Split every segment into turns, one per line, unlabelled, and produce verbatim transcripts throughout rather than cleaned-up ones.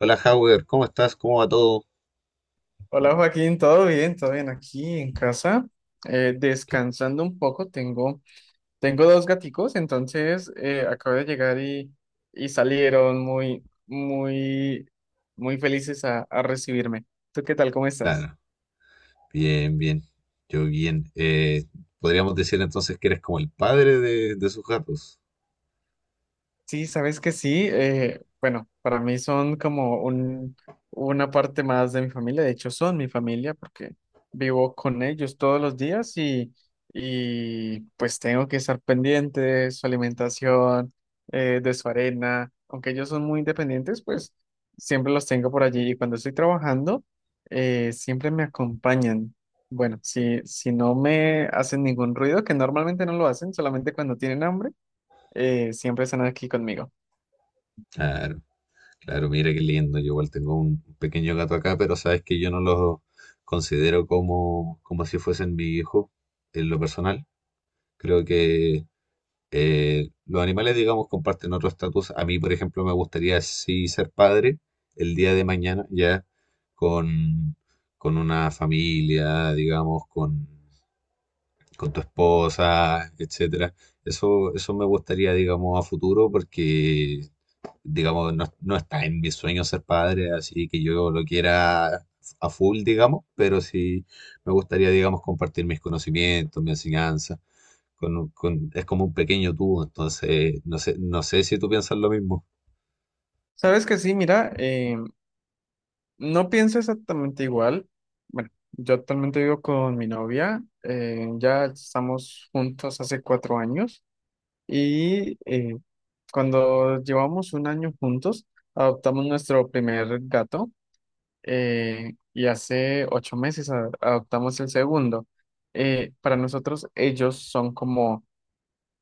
Hola, Howard, ¿cómo estás? ¿Cómo va todo?
Hola, Joaquín, ¿todo bien? ¿Todo bien aquí en casa? Eh,
Qué-
descansando un poco, tengo, tengo dos gaticos. Entonces, eh, acabo de llegar y, y salieron muy, muy, muy felices a, a recibirme. ¿Tú qué tal? ¿Cómo estás?
Claro, bien, bien. Yo bien. Eh, podríamos decir entonces que eres como el padre de, de sus gatos.
Sí, sabes que sí. Eh, bueno, para mí son como un, una parte más de mi familia. De hecho, son mi familia porque vivo con ellos todos los días y, y pues tengo que estar pendiente de su alimentación, eh, de su arena. Aunque ellos son muy independientes, pues siempre los tengo por allí. Y cuando estoy trabajando, eh, siempre me acompañan. Bueno, si, si no me hacen ningún ruido, que normalmente no lo hacen, solamente cuando tienen hambre, eh, siempre están aquí conmigo.
Claro, claro, mira qué lindo. Yo igual tengo un pequeño gato acá, pero sabes que yo no los considero como, como si fuesen mi hijo en lo personal. Creo que Eh, los animales, digamos, comparten otro estatus. A mí, por ejemplo, me gustaría sí ser padre el día de mañana, ya con, con una familia, digamos, con, con tu esposa, etcétera. Eso, eso me gustaría, digamos, a futuro porque, digamos, no, no está en mis sueños ser padre, así que yo lo quiera a full, digamos, pero sí me gustaría, digamos, compartir mis conocimientos, mi enseñanza. Con, un- con- es como un pequeño tú, entonces no sé, no sé si tú piensas lo mismo.
Sabes que sí, mira, eh, no pienso exactamente igual. Bueno, yo actualmente vivo con mi novia, eh, ya estamos juntos hace cuatro años y, eh, cuando llevamos un año juntos, adoptamos nuestro primer gato eh, y hace ocho meses a- adoptamos el segundo. Eh, para nosotros ellos son como,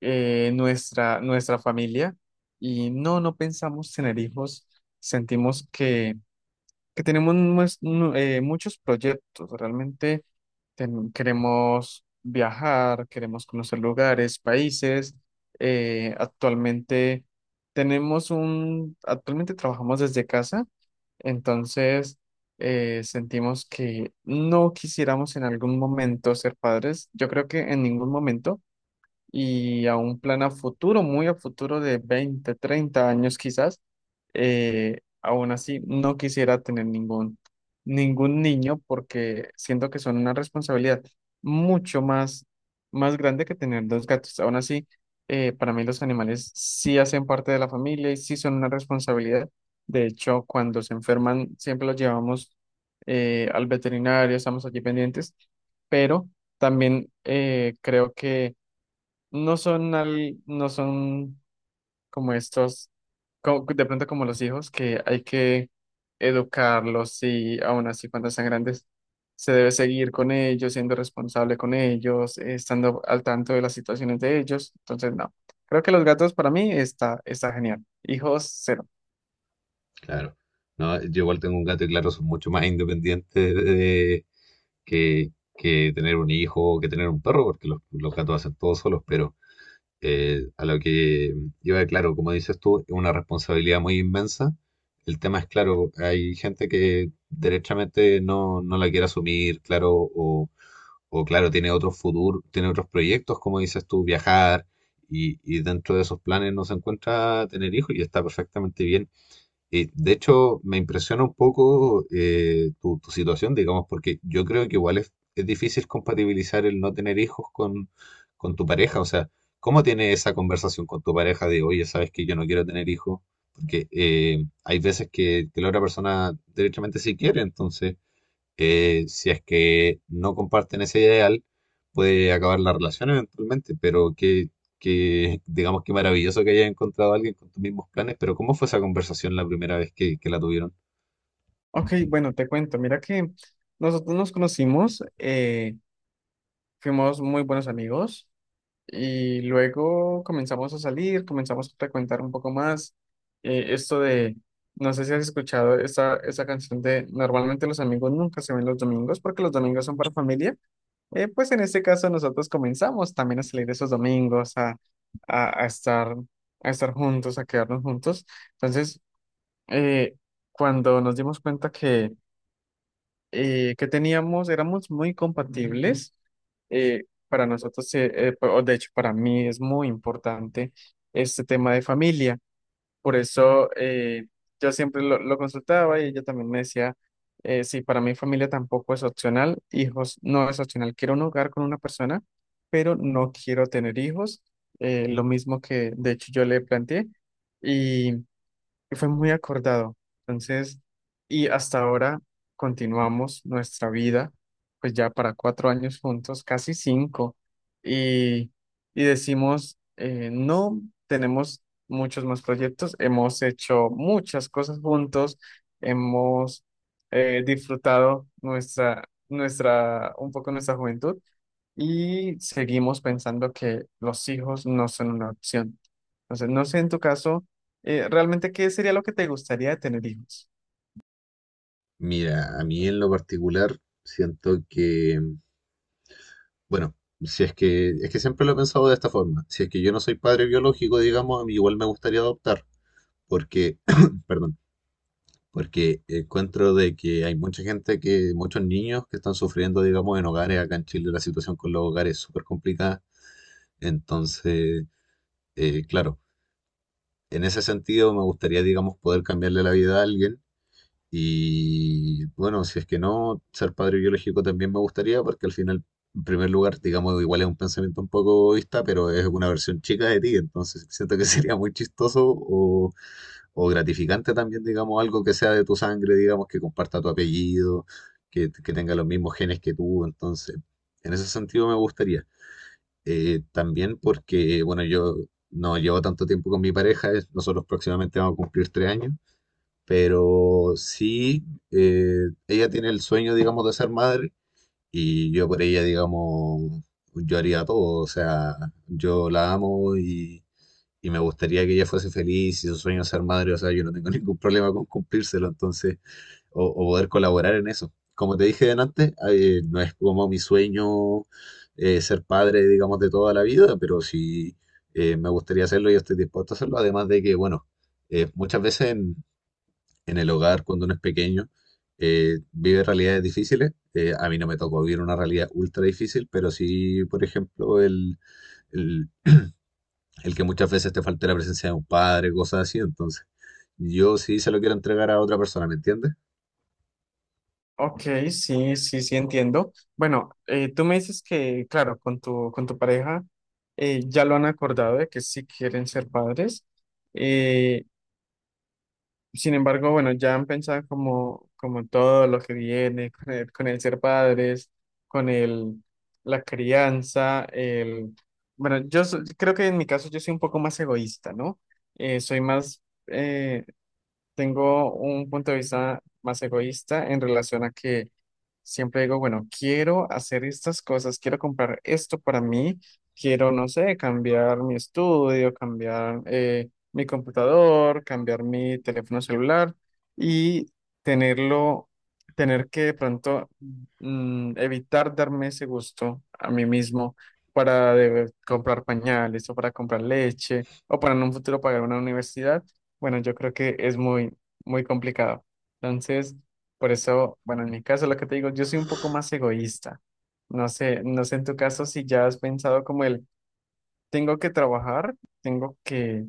eh, nuestra, nuestra familia, y no, no pensamos tener hijos. Sentimos que que tenemos nues- nu- eh, muchos proyectos. Realmente ten- queremos viajar, queremos conocer lugares, países. Eh, actualmente tenemos un, actualmente trabajamos desde casa. Entonces, eh, sentimos que no quisiéramos en algún momento ser padres. Yo creo que en ningún momento, y a un plan a futuro, muy a futuro, de veinte treinta años quizás, eh, aún así no quisiera tener ningún, ningún niño, porque siento que son una responsabilidad mucho más, más grande que tener dos gatos. Aún así, eh, para mí los animales sí hacen parte de la familia y sí son una responsabilidad. De hecho, cuando se enferman, siempre los llevamos eh, al veterinario, estamos allí pendientes. Pero también, eh, creo que no son al- no son como estos, co- de pronto como los hijos, que hay que educarlos, y aún así cuando sean grandes se debe seguir con ellos, siendo responsable con ellos, eh, estando al tanto de las situaciones de ellos. Entonces, no, creo que los gatos, para mí, está, está genial. Hijos, cero.
Claro. No, yo igual tengo un gato y claro, son mucho más independientes de- que, que tener un hijo, que tener un perro, porque los, los gatos hacen todo solos, pero eh, a lo que iba, claro, como dices tú, es una responsabilidad muy inmensa. El tema es, claro, hay gente que derechamente no, no la quiere asumir, claro, o, o claro, tiene otros futuros, tiene otros proyectos, como dices tú, viajar, y, y dentro de esos planes no se encuentra tener hijos y está perfectamente bien. Eh, de hecho, me impresiona un poco eh, tu, tu situación, digamos, porque yo creo que igual es, es difícil compatibilizar el no tener hijos con, con tu pareja. O sea, ¿cómo tienes esa conversación con tu pareja de, oye, sabes que yo no quiero tener hijos? Porque eh, hay veces que, que la otra persona derechamente sí quiere, entonces eh, si es que no comparten ese ideal, puede acabar la relación eventualmente, pero que, que digamos que maravilloso que hayas encontrado a alguien con tus mismos planes, pero ¿cómo fue esa conversación la primera vez que, que la tuvieron?
Ok, bueno, te cuento, mira que nosotros nos conocimos, eh, fuimos muy buenos amigos. Y luego comenzamos a salir, comenzamos a frecuentar un poco más. Eh, esto de, no sé si has escuchado esa, esa canción de, normalmente los amigos nunca se ven los domingos porque los domingos son para familia. Eh, pues en este caso nosotros comenzamos también a salir esos domingos, a, a, a estar, a estar juntos, a quedarnos juntos. Entonces, eh, cuando nos dimos cuenta eh, que teníamos, éramos muy compatibles. Eh, para nosotros, eh, eh, pa- o de hecho, para mí es muy importante este tema de familia. Por eso, eh, yo siempre lo, lo consultaba, y ella también me decía, eh, sí, para mí familia tampoco es opcional, hijos no es opcional. Quiero un hogar con una persona, pero no quiero tener hijos. Eh, lo mismo que, de hecho, yo le planteé, y fue muy acordado. Entonces, y hasta ahora continuamos nuestra vida, pues ya para cuatro años juntos, casi cinco, y, y decimos, eh, no, tenemos muchos más proyectos, hemos hecho muchas cosas juntos, hemos eh, disfrutado nuestra, nuestra, un poco nuestra juventud, y seguimos pensando que los hijos no son una opción. Entonces, no sé en tu caso, eh, realmente qué sería lo que te gustaría de tener hijos.
Mira, a mí en lo particular siento que, bueno, si es que, es que siempre lo he pensado de esta forma, si es que yo no soy padre biológico, digamos, a mí igual me gustaría adoptar, porque, perdón, porque encuentro de que hay mucha gente que, muchos niños que están sufriendo, digamos, en hogares. Acá en Chile la situación con los hogares es súper complicada. Entonces, eh, claro, en ese sentido me gustaría, digamos, poder cambiarle la vida a alguien. Y bueno, si es que no, ser padre biológico también me gustaría, porque al final, en primer lugar, digamos, igual es un pensamiento un poco egoísta, pero es una versión chica de ti. Entonces, siento que sería muy chistoso o gratificante también, digamos, algo que sea de tu sangre, digamos, que comparta tu apellido, que, que tenga los mismos genes que tú. Entonces, en ese sentido me gustaría. Eh, también porque, bueno, yo no llevo tanto tiempo con mi pareja, es- nosotros próximamente vamos a cumplir tres años, pero sí, eh, ella tiene el sueño, digamos, de ser madre y yo por ella, digamos, yo haría todo, o sea, yo la amo y y me gustaría que ella fuese feliz y su sueño es ser madre, o sea, yo no tengo ningún problema con cumplírselo, entonces, o, o poder colaborar en eso. Como te dije antes, eh, no es como mi sueño eh, ser padre, digamos, de toda la vida, pero si eh, me gustaría hacerlo, yo estoy dispuesto a hacerlo, además de que, bueno, eh, muchas veces en, en el hogar, cuando uno es pequeño, eh, vive realidades difíciles. Eh, a mí no me tocó vivir una realidad ultra difícil, pero sí, por ejemplo, el, el que muchas veces te falte la presencia de un padre, cosas así. Entonces, yo sí se lo quiero entregar a otra persona, ¿me entiendes?
Ok, sí, sí, sí entiendo. Bueno, eh, tú me dices que, claro, con tu, con tu pareja eh, ya lo han acordado de que sí quieren ser padres. Eh, Sin embargo, bueno, ya han pensado como, como en todo lo que viene, con el, con el ser padres, con el, la crianza, el... Bueno, yo so- creo que en mi caso yo soy un poco más egoísta, ¿no? Eh, soy más, eh, Tengo un punto de vista más egoísta, en relación a que siempre digo, bueno, quiero hacer estas cosas, quiero comprar esto para mí, quiero, no sé, cambiar mi estudio, cambiar eh, mi computador, cambiar mi teléfono celular, y tenerlo, tener que de pronto, mm, evitar darme ese gusto a mí mismo, para de- comprar pañales, o para comprar leche, o para en un futuro pagar una universidad. Bueno, yo creo que es muy, muy complicado. Entonces, por eso, bueno, en mi caso, lo que te digo, yo soy un poco más egoísta. No sé, no sé en tu caso si ya has pensado como el, tengo que trabajar, tengo que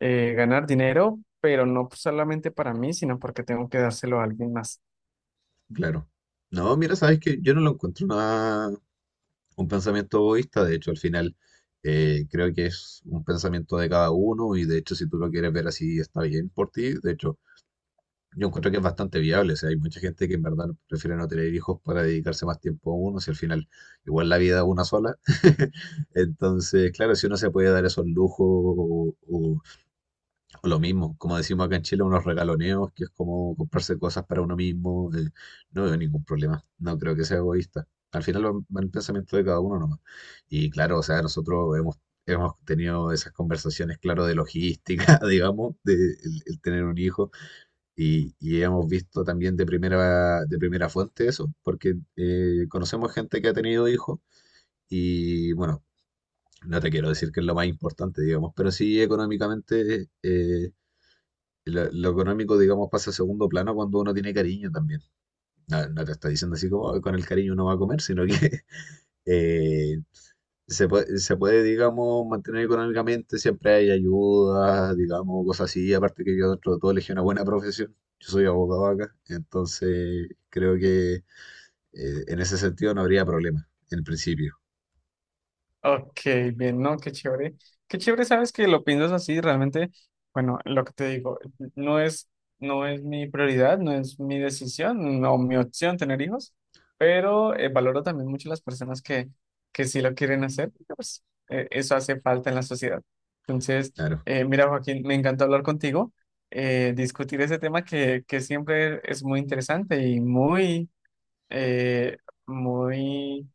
eh, ganar dinero, pero no solamente para mí, sino porque tengo que dárselo a alguien más.
Claro. No, mira, sabes que yo no lo encuentro una, un pensamiento egoísta, de hecho, al final eh, creo que es un pensamiento de cada uno y de hecho, si tú lo quieres ver así, está bien por ti. De hecho, yo encuentro que es bastante viable, o sea, hay mucha gente que en verdad prefiere no tener hijos para dedicarse más tiempo a uno, si al final igual la vida es una sola. Entonces, claro, si uno se puede dar esos lujos o, lo mismo, como decimos acá en Chile, unos regaloneos, que es como comprarse cosas para uno mismo. Eh, no veo ningún problema, no creo que sea egoísta. Al final va va el pensamiento de cada uno nomás. Y claro, o sea, nosotros hemos, hemos tenido esas conversaciones, claro, de logística, digamos, de el, el tener un hijo. Y, y hemos visto también de primera, de primera fuente eso, porque eh, conocemos gente que ha tenido hijos y bueno, no te quiero decir que es lo más importante, digamos, pero sí económicamente... eh, lo, lo económico, digamos, pasa a segundo plano cuando uno tiene cariño también. No, no te está diciendo así como "Ay, con el cariño uno va a comer", sino que eh, se puede, se puede, digamos, mantener económicamente, siempre hay ayuda, digamos, cosas así. Aparte que yo dentro de todo elegí una buena profesión. Yo soy abogado acá, entonces creo que eh, en ese sentido no habría problema, en principio.
Ok, bien, ¿no? Qué chévere. Qué chévere, sabes que lo piensas así. Realmente, bueno, lo que te digo, no es, no es mi prioridad, no es mi decisión, no mi opción tener hijos. Pero, eh, valoro también mucho las personas que, que sí lo quieren hacer, porque, pues, eh, eso hace falta en la sociedad. Entonces,
Claro,
eh, mira, Joaquín, me encanta hablar contigo, eh, discutir ese tema, que, que siempre es muy interesante y muy, eh, muy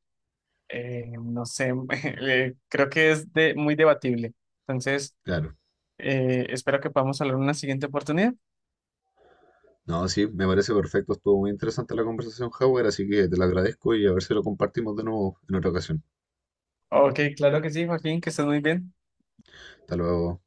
eh, no sé, eh, creo que es de, muy debatible. Entonces,
claro.
eh, espero que podamos hablar en una siguiente oportunidad.
No, sí, me parece perfecto. Estuvo muy interesante la conversación, Howard, así que te lo agradezco y a ver si lo compartimos de nuevo en otra ocasión.
Ok, claro que sí, Joaquín, que estés muy bien.
Hasta luego.